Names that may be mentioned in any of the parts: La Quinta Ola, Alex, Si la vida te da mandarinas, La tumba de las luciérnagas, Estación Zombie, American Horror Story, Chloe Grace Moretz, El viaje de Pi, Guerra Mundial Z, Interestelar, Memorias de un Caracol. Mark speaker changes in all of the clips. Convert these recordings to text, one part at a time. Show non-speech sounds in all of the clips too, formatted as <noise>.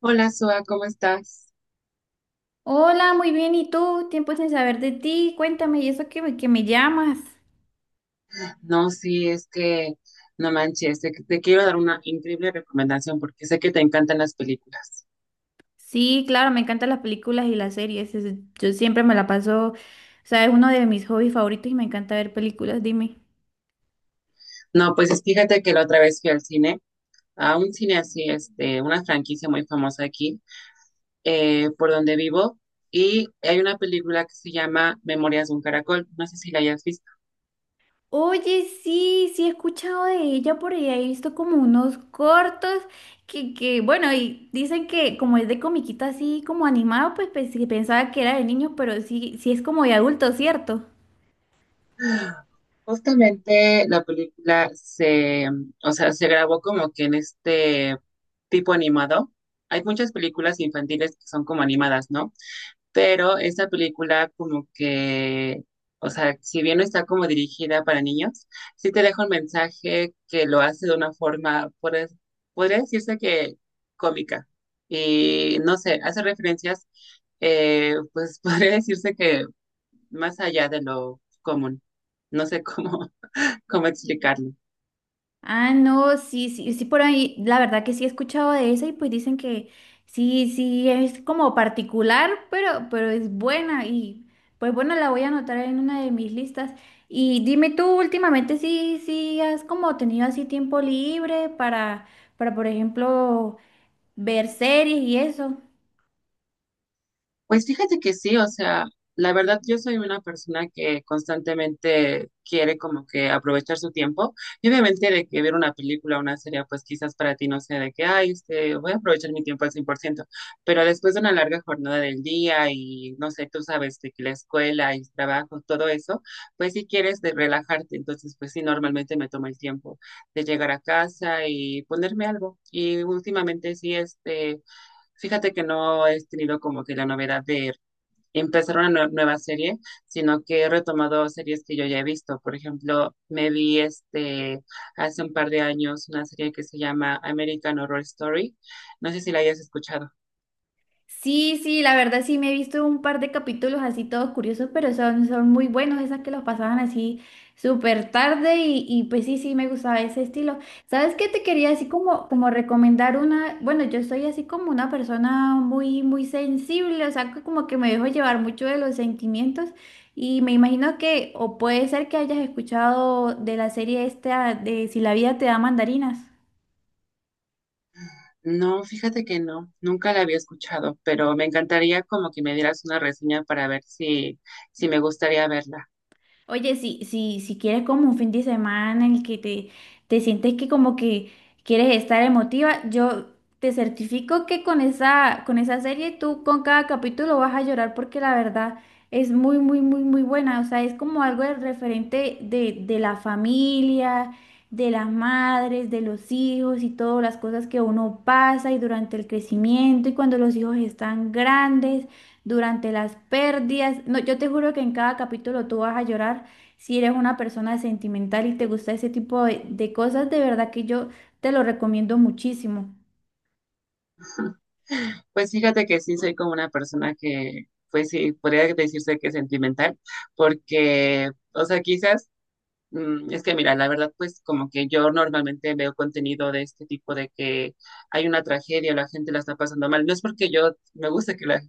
Speaker 1: Hola, Soa, ¿cómo estás?
Speaker 2: Hola, muy bien. ¿Y tú? Tiempo sin saber de ti. Cuéntame, ¿y eso que me llamas?
Speaker 1: No, sí, es que no manches, te quiero dar una increíble recomendación porque sé que te encantan las películas.
Speaker 2: Sí, claro, me encantan las películas y las series. Yo siempre me la paso, o sea, es uno de mis hobbies favoritos y me encanta ver películas. Dime.
Speaker 1: No, pues fíjate que la otra vez fui al cine, a un cine así, este, una franquicia muy famosa aquí, por donde vivo, y hay una película que se llama Memorias de un Caracol, no sé si la hayas visto.
Speaker 2: Oye, sí, sí he escuchado de ella por ahí, he visto como unos cortos bueno, y dicen que como es de comiquita así como animado, pues, sí, pensaba que era de niños, pero sí, sí es como de adulto, ¿cierto?
Speaker 1: Justamente la película se, o sea, se grabó como que en este tipo animado. Hay muchas películas infantiles que son como animadas, ¿no? Pero esta película como que, o sea, si bien no está como dirigida para niños, sí te deja un mensaje que lo hace de una forma, podría decirse que cómica. Y no sé, hace referencias, pues <laughs> podría decirse que más allá de lo común. No sé cómo, <laughs> cómo explicarlo.
Speaker 2: Ah, no, sí, sí, sí, por ahí, la verdad que sí he escuchado de esa y pues dicen que sí, sí, es como particular, pero es buena y pues bueno, la voy a anotar en una de mis listas. Y dime tú, últimamente sí, sí, has como tenido así tiempo libre para por ejemplo, ver series y eso.
Speaker 1: Pues fíjate que sí, o sea, la verdad yo soy una persona que constantemente quiere como que aprovechar su tiempo y obviamente de que ver una película o una serie pues quizás para ti no sea de que, ay, este, voy a aprovechar mi tiempo al 100%. Pero después de una larga jornada del día y no sé, tú sabes de que la escuela y el trabajo, todo eso, pues si quieres de relajarte, entonces pues sí, normalmente me tomo el tiempo de llegar a casa y ponerme algo y últimamente sí, este... Fíjate que no he tenido como que la novedad de empezar una nueva serie, sino que he retomado series que yo ya he visto. Por ejemplo, me vi este hace un par de años una serie que se llama American Horror Story. No sé si la hayas escuchado.
Speaker 2: Sí, sí, la verdad sí me he visto un par de capítulos así todos curiosos, pero son muy buenos esas que los pasaban así súper tarde y pues sí, sí me gustaba ese estilo. ¿Sabes qué te quería así como, como recomendar una? Bueno, yo soy así como una persona muy sensible, o sea, que como que me dejo llevar mucho de los sentimientos y me imagino que, o puede ser que hayas escuchado de la serie esta de Si la Vida Te Da Mandarinas.
Speaker 1: No, fíjate que no, nunca la había escuchado, pero me encantaría como que me dieras una reseña para ver si, si me gustaría verla.
Speaker 2: Oye, si, si, si quieres como un fin de semana en el que te sientes que como que quieres estar emotiva, yo te certifico que con esa serie tú con cada capítulo vas a llorar porque la verdad es muy, muy, muy, muy buena. O sea, es como algo de referente de la familia, de las madres, de los hijos y todas las cosas que uno pasa y durante el crecimiento y cuando los hijos están grandes durante las pérdidas. No, yo te juro que en cada capítulo tú vas a llorar si eres una persona sentimental y te gusta ese tipo de cosas. De verdad que yo te lo recomiendo muchísimo.
Speaker 1: Pues fíjate que sí soy como una persona que, pues sí, podría decirse que es sentimental, porque, o sea, quizás es que mira, la verdad, pues como que yo normalmente veo contenido de este tipo de que hay una tragedia, la gente la está pasando mal. No es porque yo me gusta que,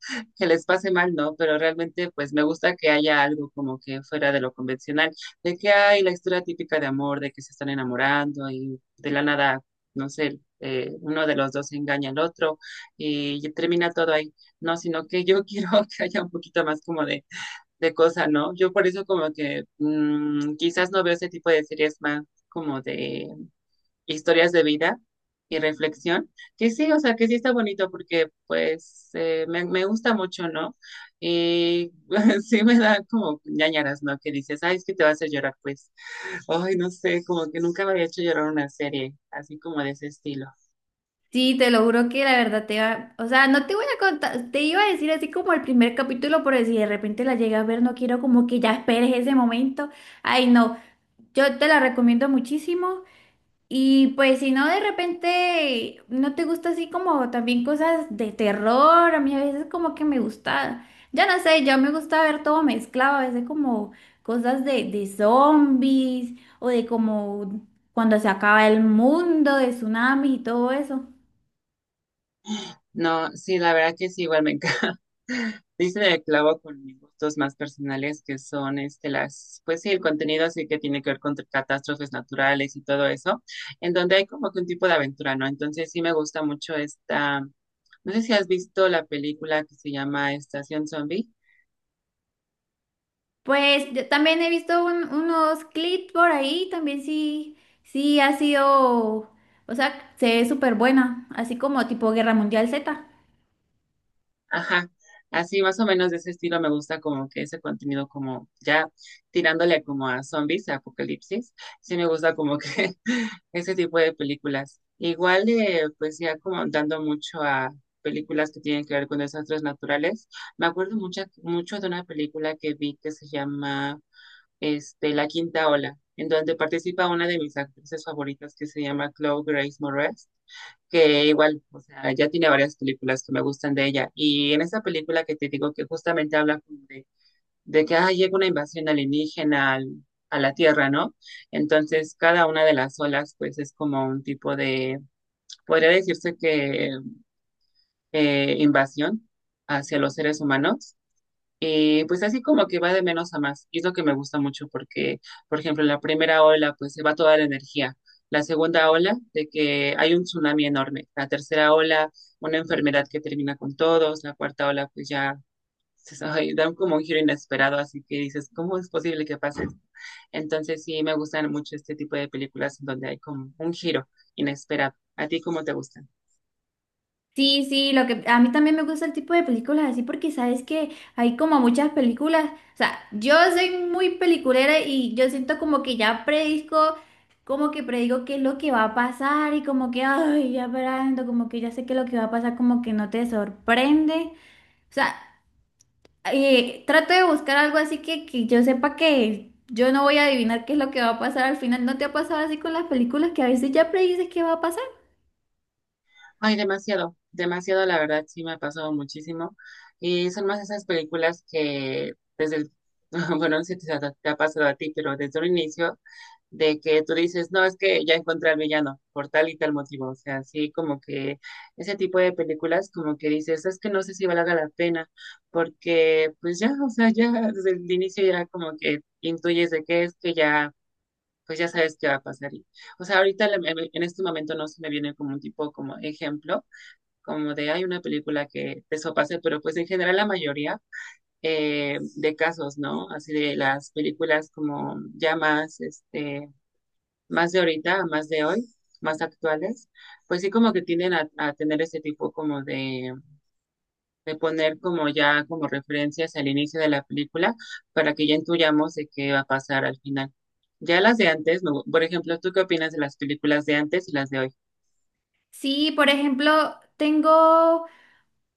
Speaker 1: <laughs> que les pase mal, no, pero realmente pues me gusta que haya algo como que fuera de lo convencional, de que hay la historia típica de amor, de que se están enamorando y de la nada, no sé, uno de los dos engaña al otro y termina todo ahí. No, sino que yo <laughs> quiero que haya un poquito más como de cosa, ¿no? Yo por eso como que quizás no veo ese tipo de series más como de historias de vida y reflexión, que sí, o sea, que sí está bonito porque pues me gusta mucho, ¿no? Y <laughs> sí me da como ñañaras, ¿no? Que dices, ay, es que te va a hacer llorar, pues, ay, no sé, como que nunca me había hecho llorar una serie así como de ese estilo.
Speaker 2: Sí, te lo juro que la verdad te va, o sea, no te voy a contar, te iba a decir así como el primer capítulo, pero si de repente la llegas a ver, no quiero como que ya esperes ese momento. Ay, no, yo te la recomiendo muchísimo. Y pues si no, de repente no te gusta así como también cosas de terror, a mí a veces como que me gusta, ya no sé, ya me gusta ver todo mezclado, a veces como cosas de zombies o de como cuando se acaba el mundo, de tsunami y todo eso.
Speaker 1: No, sí, la verdad que sí, igual me encanta. <laughs> Dice el clavo con mis gustos más personales, que son este, las, pues sí, el contenido así que tiene que ver con catástrofes naturales y todo eso, en donde hay como que un tipo de aventura, ¿no? Entonces sí me gusta mucho esta, no sé si has visto la película que se llama Estación Zombie.
Speaker 2: Pues yo también he visto unos clips por ahí, también sí, sí ha sido, o sea, se ve súper buena, así como tipo Guerra Mundial Z.
Speaker 1: Ajá, así más o menos de ese estilo me gusta como que ese contenido como ya tirándole como a zombies, a apocalipsis, sí me gusta como que <laughs> ese tipo de películas. Igual pues ya como dando mucho a películas que tienen que ver con desastres naturales. Me acuerdo mucho de una película que vi que se llama este, La Quinta Ola, en donde participa una de mis actrices favoritas que se llama Chloe Grace Moretz que igual, o sea, ya tiene varias películas que me gustan de ella. Y en esa película que te digo que justamente habla como de que ah, llega una invasión alienígena a la Tierra, ¿no? Entonces, cada una de las olas, pues es como un tipo de, podría decirse que invasión hacia los seres humanos. Pues así como que va de menos a más. Y es lo que me gusta mucho porque, por ejemplo, en la primera ola, pues se va toda la energía. La segunda ola, de que hay un tsunami enorme. La tercera ola, una enfermedad que termina con todos. La cuarta ola, pues ya se ay, dan <laughs> como un giro inesperado, así que dices, ¿cómo es posible que pase esto? Entonces sí me gustan mucho este tipo de películas en donde hay como un giro inesperado. ¿A ti cómo te gusta?
Speaker 2: Sí, sí, lo que a mí también me gusta el tipo de películas así porque sabes que hay como muchas películas, o sea, yo soy muy peliculera y yo siento como que ya predisco, como que predigo qué es lo que va a pasar y como que, ay, ya esperando, como que ya sé qué es lo que va a pasar, como que no te sorprende. O sea, trato de buscar algo así que yo sepa que yo no voy a adivinar qué es lo que va a pasar al final. ¿No te ha pasado así con las películas que a veces ya predices qué va a pasar?
Speaker 1: Ay, demasiado, demasiado, la verdad, sí me ha pasado muchísimo. Y son más esas películas que desde el, <laughs> bueno, no sé si te ha, te ha pasado a ti, pero desde un inicio, de que tú dices, no, es que ya encontré al villano por tal y tal motivo. O sea, sí, como que ese tipo de películas, como que dices, es que no sé si valga la pena, porque pues ya, o sea, ya desde el inicio ya como que intuyes de qué es que ya, pues ya sabes qué va a pasar. Y, o sea, ahorita en este momento no se me viene como un tipo como ejemplo como de hay una película que eso pase, pero pues en general la mayoría de casos, ¿no? Así de las películas como ya más, este, más de ahorita, más de hoy, más actuales, pues sí como que tienden a tener este tipo como de poner como ya como referencias al inicio de la película para que ya intuyamos de qué va a pasar al final. Ya las de antes, no, por ejemplo, ¿tú qué opinas de las películas de antes y las de hoy?
Speaker 2: Sí, por ejemplo, tengo...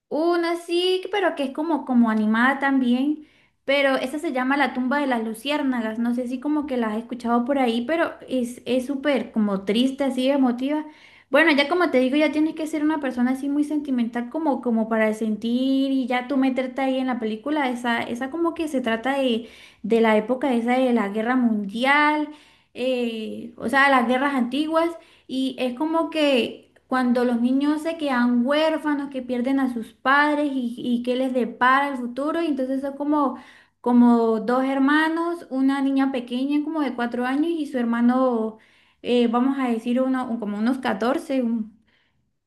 Speaker 2: Una sí, pero que es como, como animada también, pero esa se llama La Tumba de las Luciérnagas, no sé si como que la has escuchado por ahí, pero es súper como triste, así emotiva. Bueno, ya como te digo, ya tienes que ser una persona así muy sentimental como, como para sentir y ya tú meterte ahí en la película, esa como que se trata de la época esa de la guerra mundial, o sea, las guerras antiguas. Y es como que cuando los niños se quedan huérfanos, que pierden a sus padres y qué les depara el futuro, y entonces son como, como dos hermanos, una niña pequeña como de 4 años y su hermano, vamos a decir, uno, como unos 14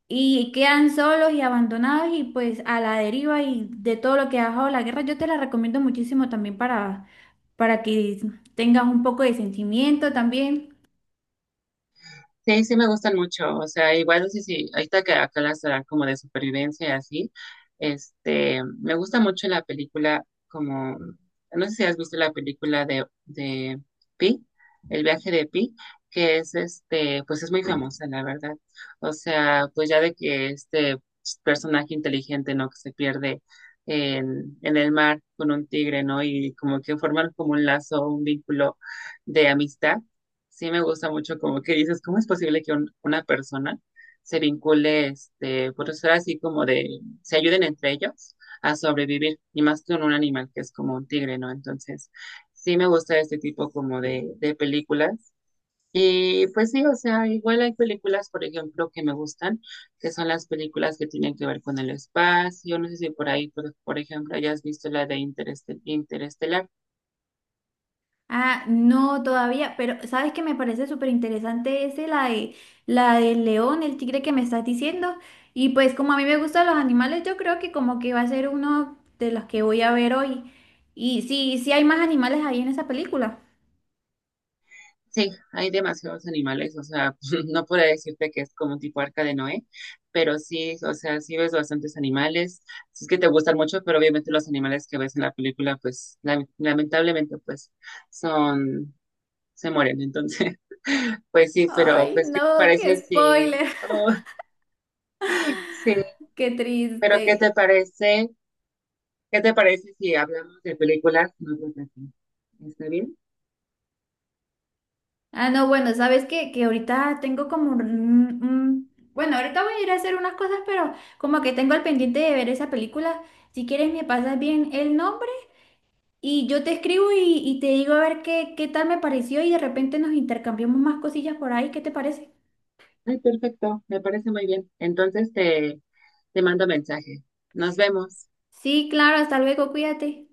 Speaker 2: y quedan solos y abandonados y pues a la deriva y de todo lo que ha dejado la guerra, yo te la recomiendo muchísimo también para que tengas un poco de sentimiento también.
Speaker 1: Sí, sí me gustan mucho, o sea, igual sí, sí. Si, ahorita que acá las dan como de supervivencia y así, este, me gusta mucho la película como, no sé si has visto la película de Pi, El viaje de Pi, que es este, pues es muy famosa, la verdad, o sea, pues ya de que este personaje inteligente, ¿no? Que se pierde en el mar con un tigre, ¿no? Y como que forman como un lazo, un vínculo de amistad sí me gusta mucho como que dices, ¿cómo es posible que una persona se vincule, este, por ser así como de, se ayuden entre ellos a sobrevivir, y más con un animal que es como un tigre, ¿no? Entonces, sí me gusta este tipo como de películas. Y pues sí, o sea, igual hay películas, por ejemplo, que me gustan, que son las películas que tienen que ver con el espacio. No sé si por ahí, por ejemplo, hayas visto la de Interestelar.
Speaker 2: Ah, no, todavía, pero ¿sabes qué me parece súper interesante ese, la de, la del león, el tigre que me estás diciendo? Y pues como a mí me gustan los animales, yo creo que como que va a ser uno de los que voy a ver hoy. Y sí, sí hay más animales ahí en esa película.
Speaker 1: Sí, hay demasiados animales, o sea, <laughs> no puedo decirte que es como un tipo arca de Noé, pero sí, o sea, sí ves bastantes animales, si es que te gustan mucho, pero obviamente los animales que ves en la película, pues lamentablemente, pues son, se mueren, entonces, <laughs> pues sí, pero
Speaker 2: Ay,
Speaker 1: pues, ¿qué te
Speaker 2: no,
Speaker 1: parece
Speaker 2: qué
Speaker 1: si,
Speaker 2: spoiler,
Speaker 1: oh, sí,
Speaker 2: <laughs> qué
Speaker 1: pero
Speaker 2: triste.
Speaker 1: qué te parece si hablamos de películas en otra ocasión? ¿Está bien?
Speaker 2: Ah, no, bueno, ¿sabes qué? Que ahorita tengo como bueno, ahorita voy a ir a hacer unas cosas, pero como que tengo al pendiente de ver esa película. Si quieres me pasas bien el nombre y yo te escribo y te digo a ver qué, qué tal me pareció y de repente nos intercambiamos más cosillas por ahí, ¿qué te parece?
Speaker 1: Ay, perfecto, me parece muy bien. Entonces, te... Te mando mensaje. Nos vemos.
Speaker 2: Sí, claro, hasta luego, cuídate.